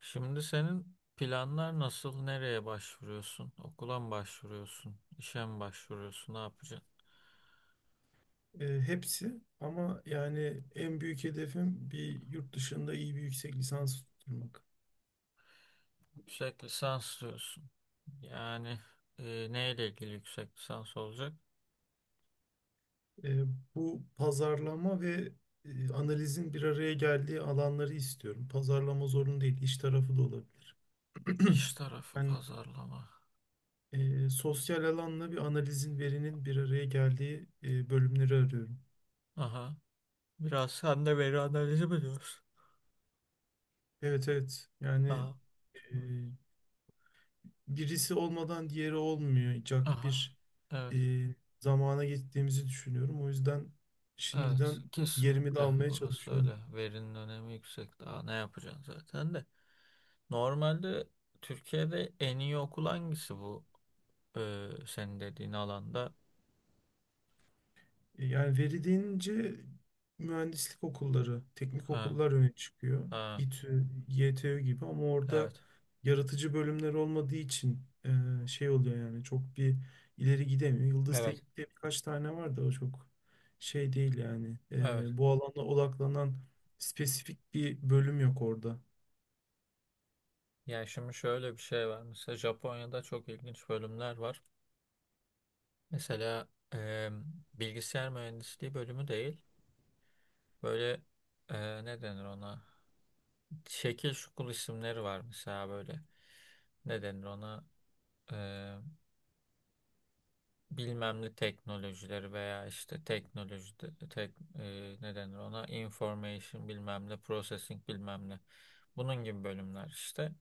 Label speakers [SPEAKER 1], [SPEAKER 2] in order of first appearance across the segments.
[SPEAKER 1] Şimdi senin planlar nasıl? Nereye başvuruyorsun? Okula mı başvuruyorsun? İşe mi başvuruyorsun? Ne yapacaksın?
[SPEAKER 2] Hepsi ama yani en büyük hedefim bir yurt dışında iyi bir yüksek lisans tutturmak.
[SPEAKER 1] Yüksek lisans diyorsun. Yani neyle ilgili yüksek lisans olacak?
[SPEAKER 2] E, Bu pazarlama ve analizin bir araya geldiği alanları istiyorum. Pazarlama zorunlu değil, iş tarafı da olabilir.
[SPEAKER 1] İş tarafı
[SPEAKER 2] Ben
[SPEAKER 1] pazarlama.
[SPEAKER 2] sosyal alanla bir analizin, verinin bir araya geldiği bölümleri arıyorum.
[SPEAKER 1] Aha. Biraz sen de veri analizi mi diyorsun?
[SPEAKER 2] Evet, evet, yani
[SPEAKER 1] Aha.
[SPEAKER 2] e, birisi olmadan diğeri olmayacak
[SPEAKER 1] Aha.
[SPEAKER 2] bir
[SPEAKER 1] Evet.
[SPEAKER 2] e, zamana gittiğimizi düşünüyorum. O yüzden
[SPEAKER 1] Evet.
[SPEAKER 2] şimdiden yerimi de
[SPEAKER 1] Kesinlikle.
[SPEAKER 2] almaya
[SPEAKER 1] Orası
[SPEAKER 2] çalışıyorum.
[SPEAKER 1] öyle. Verinin önemi yüksek. Daha ne yapacaksın zaten de. Normalde Türkiye'de en iyi okul hangisi bu? Senin dediğin alanda.
[SPEAKER 2] Yani veri deyince mühendislik okulları, teknik
[SPEAKER 1] Ha,
[SPEAKER 2] okullar öne çıkıyor.
[SPEAKER 1] ha,
[SPEAKER 2] İTÜ, YTÜ gibi ama orada
[SPEAKER 1] evet,
[SPEAKER 2] yaratıcı bölümler olmadığı için şey oluyor yani çok bir ileri gidemiyor. Yıldız
[SPEAKER 1] evet,
[SPEAKER 2] Teknik'te birkaç tane var da o çok şey değil yani.
[SPEAKER 1] evet.
[SPEAKER 2] Bu alana odaklanan spesifik bir bölüm yok orada.
[SPEAKER 1] Yani şimdi şöyle bir şey var. Mesela Japonya'da çok ilginç bölümler var. Mesela e, bilgisayar mühendisliği bölümü değil. Böyle ne denir ona? Şekil şukul isimleri var mesela böyle. Ne denir ona? E, bilmem ne teknolojileri veya işte teknoloji de- tek, e, ne denir ona? Information bilmem ne, processing bilmem ne. Bunun gibi bölümler işte.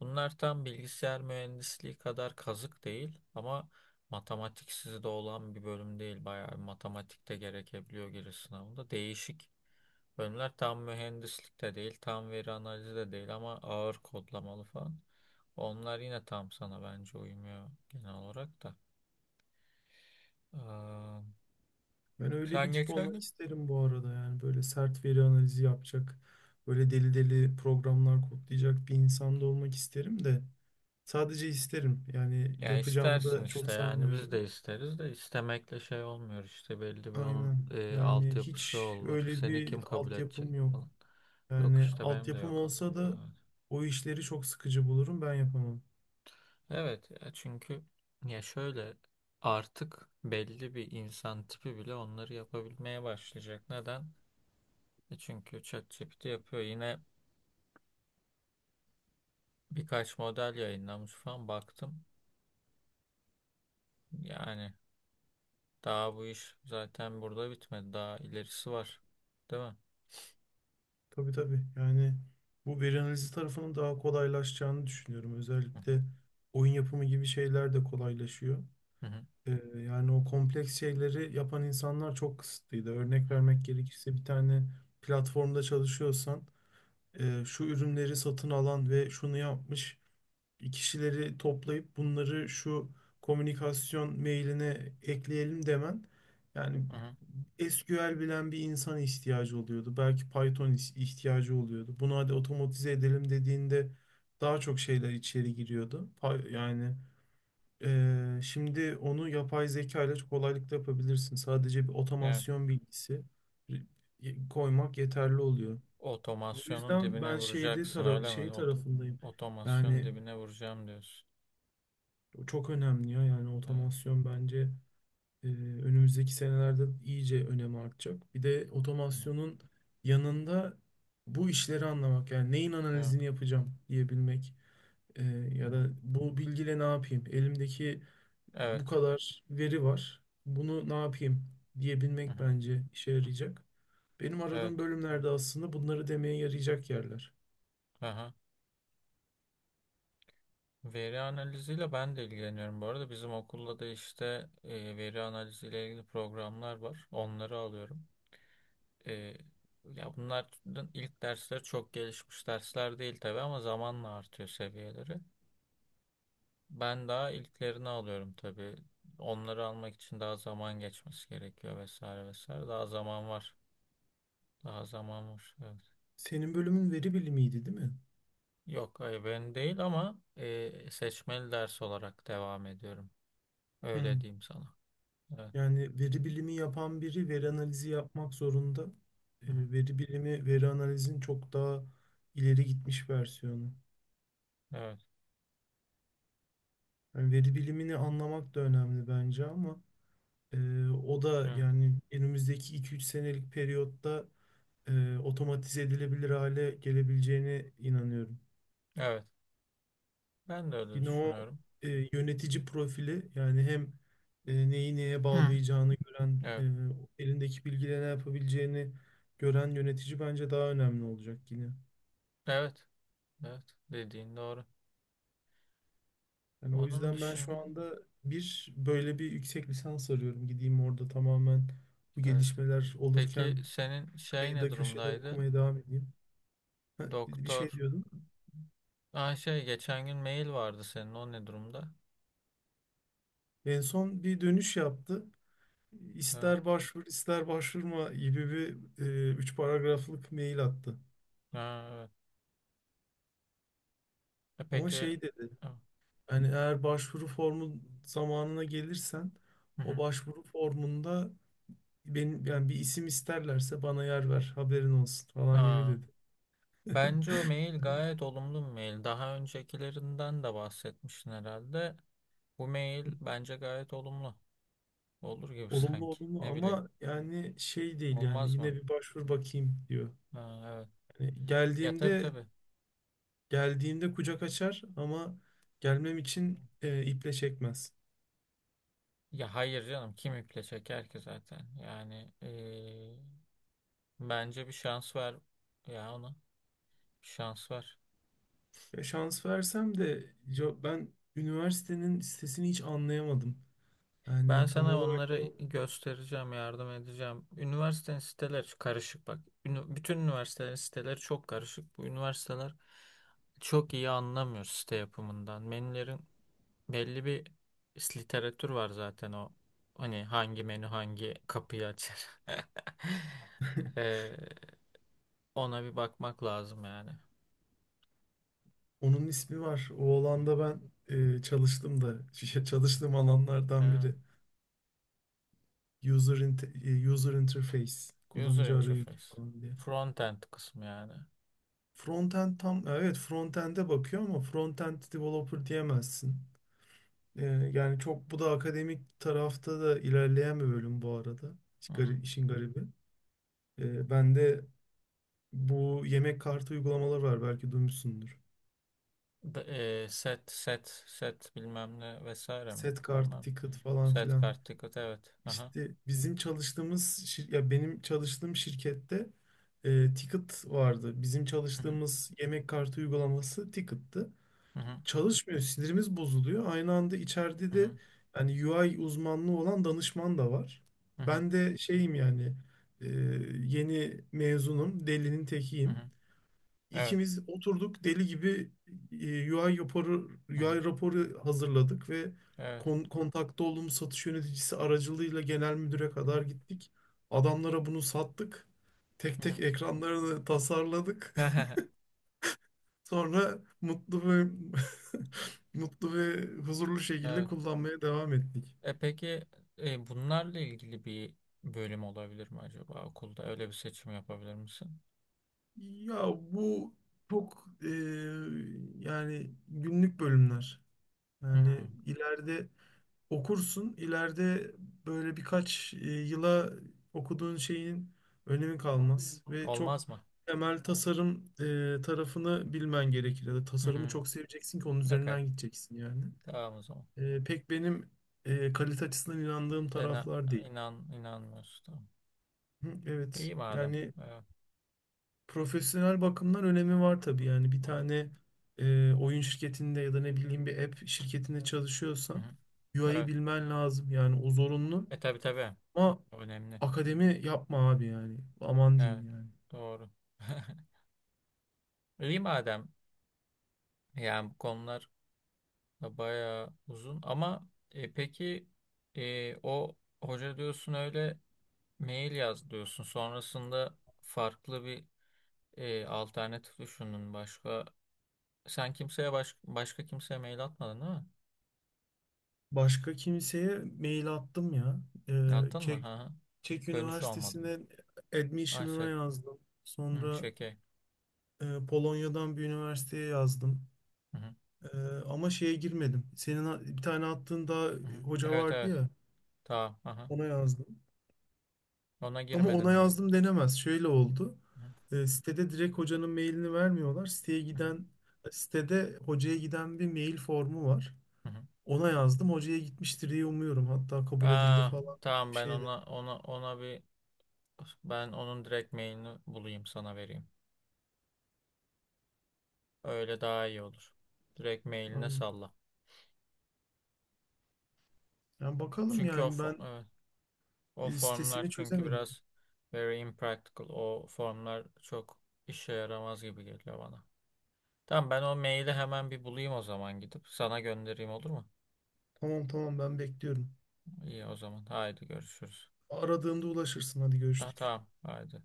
[SPEAKER 1] Bunlar tam bilgisayar mühendisliği kadar kazık değil ama matematiksiz de olan bir bölüm değil. Bayağı bir matematik de gerekebiliyor giriş sınavında. Değişik bölümler tam mühendislik de değil, tam veri analizi de değil ama ağır kodlamalı falan. Onlar yine tam sana bence uymuyor genel olarak da. Ee,
[SPEAKER 2] Ben öyle bir
[SPEAKER 1] sen
[SPEAKER 2] tip
[SPEAKER 1] geçen
[SPEAKER 2] olmak
[SPEAKER 1] gün.
[SPEAKER 2] isterim bu arada, yani böyle sert veri analizi yapacak, böyle deli deli programlar kodlayacak bir insan da olmak isterim de sadece isterim yani,
[SPEAKER 1] Ya
[SPEAKER 2] yapacağımı
[SPEAKER 1] istersin
[SPEAKER 2] da
[SPEAKER 1] işte
[SPEAKER 2] çok
[SPEAKER 1] yani biz
[SPEAKER 2] sanmıyorum.
[SPEAKER 1] de isteriz de istemekle şey olmuyor işte belli bir onun
[SPEAKER 2] Aynen, yani
[SPEAKER 1] altyapısı
[SPEAKER 2] hiç
[SPEAKER 1] olur.
[SPEAKER 2] öyle
[SPEAKER 1] Seni
[SPEAKER 2] bir
[SPEAKER 1] kim kabul edecek
[SPEAKER 2] altyapım yok.
[SPEAKER 1] falan. Yok
[SPEAKER 2] Yani
[SPEAKER 1] işte benim de
[SPEAKER 2] altyapım
[SPEAKER 1] yok
[SPEAKER 2] olsa
[SPEAKER 1] altyapı.
[SPEAKER 2] da
[SPEAKER 1] Evet.
[SPEAKER 2] o işleri çok sıkıcı bulurum, ben yapamam.
[SPEAKER 1] Evet, ya çünkü ya şöyle artık belli bir insan tipi bile onları yapabilmeye başlayacak. Neden? E çünkü ChatGPT yapıyor. Yine birkaç model yayınlamış falan baktım. Yani daha bu iş zaten burada bitmedi. Daha ilerisi var. Değil mi?
[SPEAKER 2] Tabii, tabii, yani bu veri analizi tarafının daha kolaylaşacağını düşünüyorum.
[SPEAKER 1] Hı hı.
[SPEAKER 2] Özellikle oyun yapımı gibi şeyler de kolaylaşıyor.
[SPEAKER 1] Hı
[SPEAKER 2] Yani o kompleks şeyleri yapan insanlar çok kısıtlıydı. Örnek
[SPEAKER 1] hı.
[SPEAKER 2] vermek gerekirse bir tane platformda çalışıyorsan şu ürünleri satın alan ve şunu yapmış kişileri toplayıp bunları şu komünikasyon mailine ekleyelim demen, yani
[SPEAKER 1] Hı hı.
[SPEAKER 2] SQL bilen bir insan ihtiyacı oluyordu. Belki Python ihtiyacı oluyordu. Bunu hadi otomatize edelim dediğinde daha çok şeyler içeri giriyordu. Yani şimdi onu yapay zeka ile çok kolaylıkla yapabilirsin. Sadece bir
[SPEAKER 1] Evet.
[SPEAKER 2] otomasyon bilgisi koymak yeterli oluyor. Bu
[SPEAKER 1] Otomasyonun
[SPEAKER 2] yüzden
[SPEAKER 1] dibine
[SPEAKER 2] ben
[SPEAKER 1] vuracaksın öyle
[SPEAKER 2] şey
[SPEAKER 1] mi?
[SPEAKER 2] tarafındayım.
[SPEAKER 1] Otomasyonun
[SPEAKER 2] Yani
[SPEAKER 1] dibine vuracağım diyorsun.
[SPEAKER 2] o çok önemli ya. Yani
[SPEAKER 1] Evet.
[SPEAKER 2] otomasyon bence önümüzdeki senelerde iyice önemi artacak. Bir de otomasyonun yanında bu işleri anlamak, yani neyin analizini yapacağım diyebilmek, e,
[SPEAKER 1] Hı
[SPEAKER 2] ya
[SPEAKER 1] hı.
[SPEAKER 2] da bu bilgiyle ne yapayım? Elimdeki bu
[SPEAKER 1] Evet.
[SPEAKER 2] kadar veri var. Bunu ne yapayım
[SPEAKER 1] Hı hı. Evet.
[SPEAKER 2] diyebilmek
[SPEAKER 1] Hı hı.
[SPEAKER 2] bence işe yarayacak. Benim
[SPEAKER 1] Evet.
[SPEAKER 2] aradığım bölümlerde aslında bunları demeye yarayacak yerler.
[SPEAKER 1] Aha. Veri analiziyle ben de ilgileniyorum. Bu arada bizim okulda da işte veri analiziyle ilgili programlar var. Onları alıyorum. E, ya bunların ilk dersleri çok gelişmiş dersler değil tabii ama zamanla artıyor seviyeleri. Ben daha ilklerini alıyorum tabii. Onları almak için daha zaman geçmesi gerekiyor vesaire vesaire. Daha zaman var. Daha zaman var. Evet.
[SPEAKER 2] Senin bölümün veri bilimiydi, değil mi?
[SPEAKER 1] Yok, hayır ben değil ama seçmeli ders olarak devam ediyorum.
[SPEAKER 2] Hı.
[SPEAKER 1] Öyle diyeyim sana. Evet.
[SPEAKER 2] Yani veri bilimi yapan biri veri analizi yapmak zorunda.
[SPEAKER 1] Hı-hı.
[SPEAKER 2] Veri bilimi, veri analizin çok daha ileri gitmiş versiyonu.
[SPEAKER 1] Evet.
[SPEAKER 2] Yani veri bilimini anlamak da önemli bence, ama o da
[SPEAKER 1] Evet.
[SPEAKER 2] yani önümüzdeki iki üç senelik periyotta otomatize edilebilir hale gelebileceğine inanıyorum.
[SPEAKER 1] Evet. Ben de öyle
[SPEAKER 2] Yine o
[SPEAKER 1] düşünüyorum.
[SPEAKER 2] yönetici profili, yani hem neyi neye
[SPEAKER 1] Hı.
[SPEAKER 2] bağlayacağını gören,
[SPEAKER 1] Evet.
[SPEAKER 2] elindeki bilgiyle ne yapabileceğini gören yönetici bence daha önemli olacak yine.
[SPEAKER 1] Evet. Evet. Dediğin doğru.
[SPEAKER 2] Yani o
[SPEAKER 1] Onun
[SPEAKER 2] yüzden ben şu
[SPEAKER 1] dışın
[SPEAKER 2] anda bir böyle bir yüksek lisans arıyorum. Gideyim orada tamamen bu
[SPEAKER 1] evet.
[SPEAKER 2] gelişmeler
[SPEAKER 1] Peki
[SPEAKER 2] olurken
[SPEAKER 1] senin şey ne
[SPEAKER 2] kıyıda köşede
[SPEAKER 1] durumdaydı?
[SPEAKER 2] okumaya devam edeyim. Ha, bir
[SPEAKER 1] Doktor.
[SPEAKER 2] şey diyordum.
[SPEAKER 1] Aa şey geçen gün mail vardı senin o ne durumda?
[SPEAKER 2] En son bir dönüş yaptı.
[SPEAKER 1] Evet.
[SPEAKER 2] İster başvur ister başvurma gibi bir üç paragraflık mail attı.
[SPEAKER 1] Ha, evet. E
[SPEAKER 2] Ama
[SPEAKER 1] peki
[SPEAKER 2] şey dedi,
[SPEAKER 1] ha,
[SPEAKER 2] hani eğer başvuru formu zamanına gelirsen
[SPEAKER 1] hı
[SPEAKER 2] o
[SPEAKER 1] hı.
[SPEAKER 2] başvuru formunda benim, yani bir isim isterlerse bana yer ver, haberin olsun falan gibi
[SPEAKER 1] Ha,
[SPEAKER 2] dedi.
[SPEAKER 1] bence o mail gayet olumlu bir mail. Daha öncekilerinden de bahsetmiştin herhalde. Bu mail bence gayet olumlu. Olur gibi
[SPEAKER 2] Olumlu,
[SPEAKER 1] sanki.
[SPEAKER 2] olumlu
[SPEAKER 1] Ne bileyim.
[SPEAKER 2] ama yani şey değil yani,
[SPEAKER 1] Olmaz mı?
[SPEAKER 2] yine bir başvur bakayım diyor.
[SPEAKER 1] Ha, evet.
[SPEAKER 2] Yani
[SPEAKER 1] Ya tabii
[SPEAKER 2] geldiğimde
[SPEAKER 1] tabii.
[SPEAKER 2] geldiğimde kucak açar ama gelmem için iple çekmez.
[SPEAKER 1] Ya hayır canım kim iple çeker ki zaten. Yani bence bir şans ver ya ona. Bir şans ver.
[SPEAKER 2] Ya şans versem de ya ben üniversitenin sitesini hiç anlayamadım.
[SPEAKER 1] Ben
[SPEAKER 2] Yani tam
[SPEAKER 1] sana
[SPEAKER 2] olarak
[SPEAKER 1] onları
[SPEAKER 2] ne-
[SPEAKER 1] göstereceğim, yardım edeceğim. Üniversitenin siteleri karışık bak. Bütün üniversitelerin siteleri çok karışık. Bu üniversiteler çok iyi anlamıyor site yapımından. Menülerin belli bir literatür var zaten o. Hani hangi menü hangi kapıyı açar. Ee, ona bir bakmak lazım yani.
[SPEAKER 2] Onun ismi var. O
[SPEAKER 1] Hı hı.
[SPEAKER 2] alanda ben çalıştım da çalıştığım alanlardan
[SPEAKER 1] Evet.
[SPEAKER 2] biri. User, inte- user interface,
[SPEAKER 1] User
[SPEAKER 2] kullanıcı arayüzü
[SPEAKER 1] interface.
[SPEAKER 2] falan diye.
[SPEAKER 1] Frontend kısmı yani.
[SPEAKER 2] Frontend, tam evet, frontend'e bakıyor ama frontend developer diyemezsin. E, Yani çok bu da akademik tarafta da ilerleyen bir bölüm bu arada.
[SPEAKER 1] Hı hı.
[SPEAKER 2] İşin garibi. Ben de. Bu yemek kartı uygulamaları var, belki duymuşsundur.
[SPEAKER 1] Set set set bilmem ne vesaire mi?
[SPEAKER 2] Set kart,
[SPEAKER 1] Ondan
[SPEAKER 2] ticket falan
[SPEAKER 1] set
[SPEAKER 2] filan.
[SPEAKER 1] kart ticket evet. Aha.
[SPEAKER 2] İşte ya benim çalıştığım şirkette ticket vardı. Bizim
[SPEAKER 1] Hı hı.
[SPEAKER 2] çalıştığımız yemek kartı uygulaması ticket'tı.
[SPEAKER 1] Hı hı.
[SPEAKER 2] Çalışmıyor, sinirimiz bozuluyor. Aynı anda içeride
[SPEAKER 1] Hı hı.
[SPEAKER 2] de yani UI uzmanlığı olan danışman da var.
[SPEAKER 1] Hı hı.
[SPEAKER 2] Ben de şeyim yani, e, yeni mezunum, delinin
[SPEAKER 1] Hı
[SPEAKER 2] tekiyim.
[SPEAKER 1] hı. Evet.
[SPEAKER 2] İkimiz oturduk deli gibi UI raporu,
[SPEAKER 1] Hı hı.
[SPEAKER 2] UI raporu hazırladık ve
[SPEAKER 1] Evet.
[SPEAKER 2] kontakta olduğumuz satış yöneticisi aracılığıyla genel müdüre
[SPEAKER 1] Hı hı.
[SPEAKER 2] kadar gittik. Adamlara bunu sattık. Tek
[SPEAKER 1] Hı
[SPEAKER 2] tek ekranlarını tasarladık.
[SPEAKER 1] hı.
[SPEAKER 2] Sonra mutlu ve mutlu ve huzurlu şekilde
[SPEAKER 1] Evet.
[SPEAKER 2] kullanmaya devam ettik.
[SPEAKER 1] E peki bunlarla ilgili bir bölüm olabilir mi acaba okulda? Öyle bir seçim yapabilir misin?
[SPEAKER 2] Ya bu çok yani günlük bölümler.
[SPEAKER 1] Hı.
[SPEAKER 2] Yani ileride okursun. İleride böyle birkaç yıla okuduğun şeyin önemi kalmaz ve çok
[SPEAKER 1] Olmaz mı?
[SPEAKER 2] temel tasarım tarafını bilmen gerekir. Ya da tasarımı
[SPEAKER 1] Hı.
[SPEAKER 2] çok seveceksin ki onun
[SPEAKER 1] Okay.
[SPEAKER 2] üzerinden gideceksin yani.
[SPEAKER 1] Tamam o zaman.
[SPEAKER 2] Pek benim kalite açısından inandığım
[SPEAKER 1] Sen
[SPEAKER 2] taraflar değil.
[SPEAKER 1] inanmıyorsun. Tamam.
[SPEAKER 2] Hı, evet.
[SPEAKER 1] İyi madem.
[SPEAKER 2] Yani
[SPEAKER 1] Evet.
[SPEAKER 2] profesyonel bakımdan önemi var tabii. Yani bir
[SPEAKER 1] Hı hı.
[SPEAKER 2] tane oyun şirketinde ya da ne bileyim bir app şirketinde
[SPEAKER 1] Hı
[SPEAKER 2] çalışıyorsan
[SPEAKER 1] hı.
[SPEAKER 2] UI'yi
[SPEAKER 1] Evet.
[SPEAKER 2] bilmen lazım. Yani o zorunlu.
[SPEAKER 1] E tabii tabii.
[SPEAKER 2] Ama
[SPEAKER 1] Önemli.
[SPEAKER 2] akademi yapma abi yani. Aman
[SPEAKER 1] Evet.
[SPEAKER 2] diyeyim yani.
[SPEAKER 1] Doğru. İyi madem. Yani bu konular da bayağı uzun ama peki o hoca diyorsun öyle mail yaz diyorsun. Sonrasında farklı bir alternatif düşündün başka. Sen kimseye başka kimseye mail atmadın değil mi?
[SPEAKER 2] Başka kimseye mail attım ya. Ee,
[SPEAKER 1] Attın mı?
[SPEAKER 2] Çek,
[SPEAKER 1] Hı hı.
[SPEAKER 2] Çek
[SPEAKER 1] Dönüş olmadı mı?
[SPEAKER 2] Üniversitesi'ne
[SPEAKER 1] Ay
[SPEAKER 2] admission'ına
[SPEAKER 1] çek.
[SPEAKER 2] yazdım.
[SPEAKER 1] Hı,
[SPEAKER 2] Sonra
[SPEAKER 1] çeke.
[SPEAKER 2] Polonya'dan bir üniversiteye yazdım.
[SPEAKER 1] Hı hı.
[SPEAKER 2] Ee, Ama şeye girmedim. Senin bir tane attığın daha
[SPEAKER 1] Hı hı.
[SPEAKER 2] hoca
[SPEAKER 1] Evet
[SPEAKER 2] vardı
[SPEAKER 1] evet.
[SPEAKER 2] ya.
[SPEAKER 1] Tamam. Hı hı.
[SPEAKER 2] Ona yazdım.
[SPEAKER 1] Ona
[SPEAKER 2] Ama
[SPEAKER 1] girmedin
[SPEAKER 2] ona
[SPEAKER 1] mi dedin?
[SPEAKER 2] yazdım denemez. Şöyle oldu.
[SPEAKER 1] Hı hı.
[SPEAKER 2] Sitede direkt hocanın mailini vermiyorlar.
[SPEAKER 1] Hı hı.
[SPEAKER 2] Sitede hocaya giden bir mail formu var.
[SPEAKER 1] Hı hı.
[SPEAKER 2] Ona yazdım. Hocaya gitmiştir diye umuyorum. Hatta kabul edildi
[SPEAKER 1] Aa,
[SPEAKER 2] falan
[SPEAKER 1] tamam
[SPEAKER 2] bir
[SPEAKER 1] ben
[SPEAKER 2] şey de.
[SPEAKER 1] ona bir ben onun direkt mailini bulayım sana vereyim. Öyle daha iyi olur. Direkt mailine
[SPEAKER 2] Aynen.
[SPEAKER 1] salla.
[SPEAKER 2] Yani bakalım
[SPEAKER 1] Çünkü
[SPEAKER 2] yani, ben
[SPEAKER 1] evet, o formlar
[SPEAKER 2] sitesini
[SPEAKER 1] çünkü
[SPEAKER 2] çözemedim.
[SPEAKER 1] biraz very impractical. O formlar çok işe yaramaz gibi geliyor bana. Tamam ben o maili hemen bir bulayım o zaman gidip sana göndereyim olur mu?
[SPEAKER 2] Tamam, tamam, ben bekliyorum.
[SPEAKER 1] İyi o zaman. Haydi görüşürüz.
[SPEAKER 2] Aradığımda ulaşırsın. Hadi
[SPEAKER 1] Ha,
[SPEAKER 2] görüştük.
[SPEAKER 1] tamam. Haydi.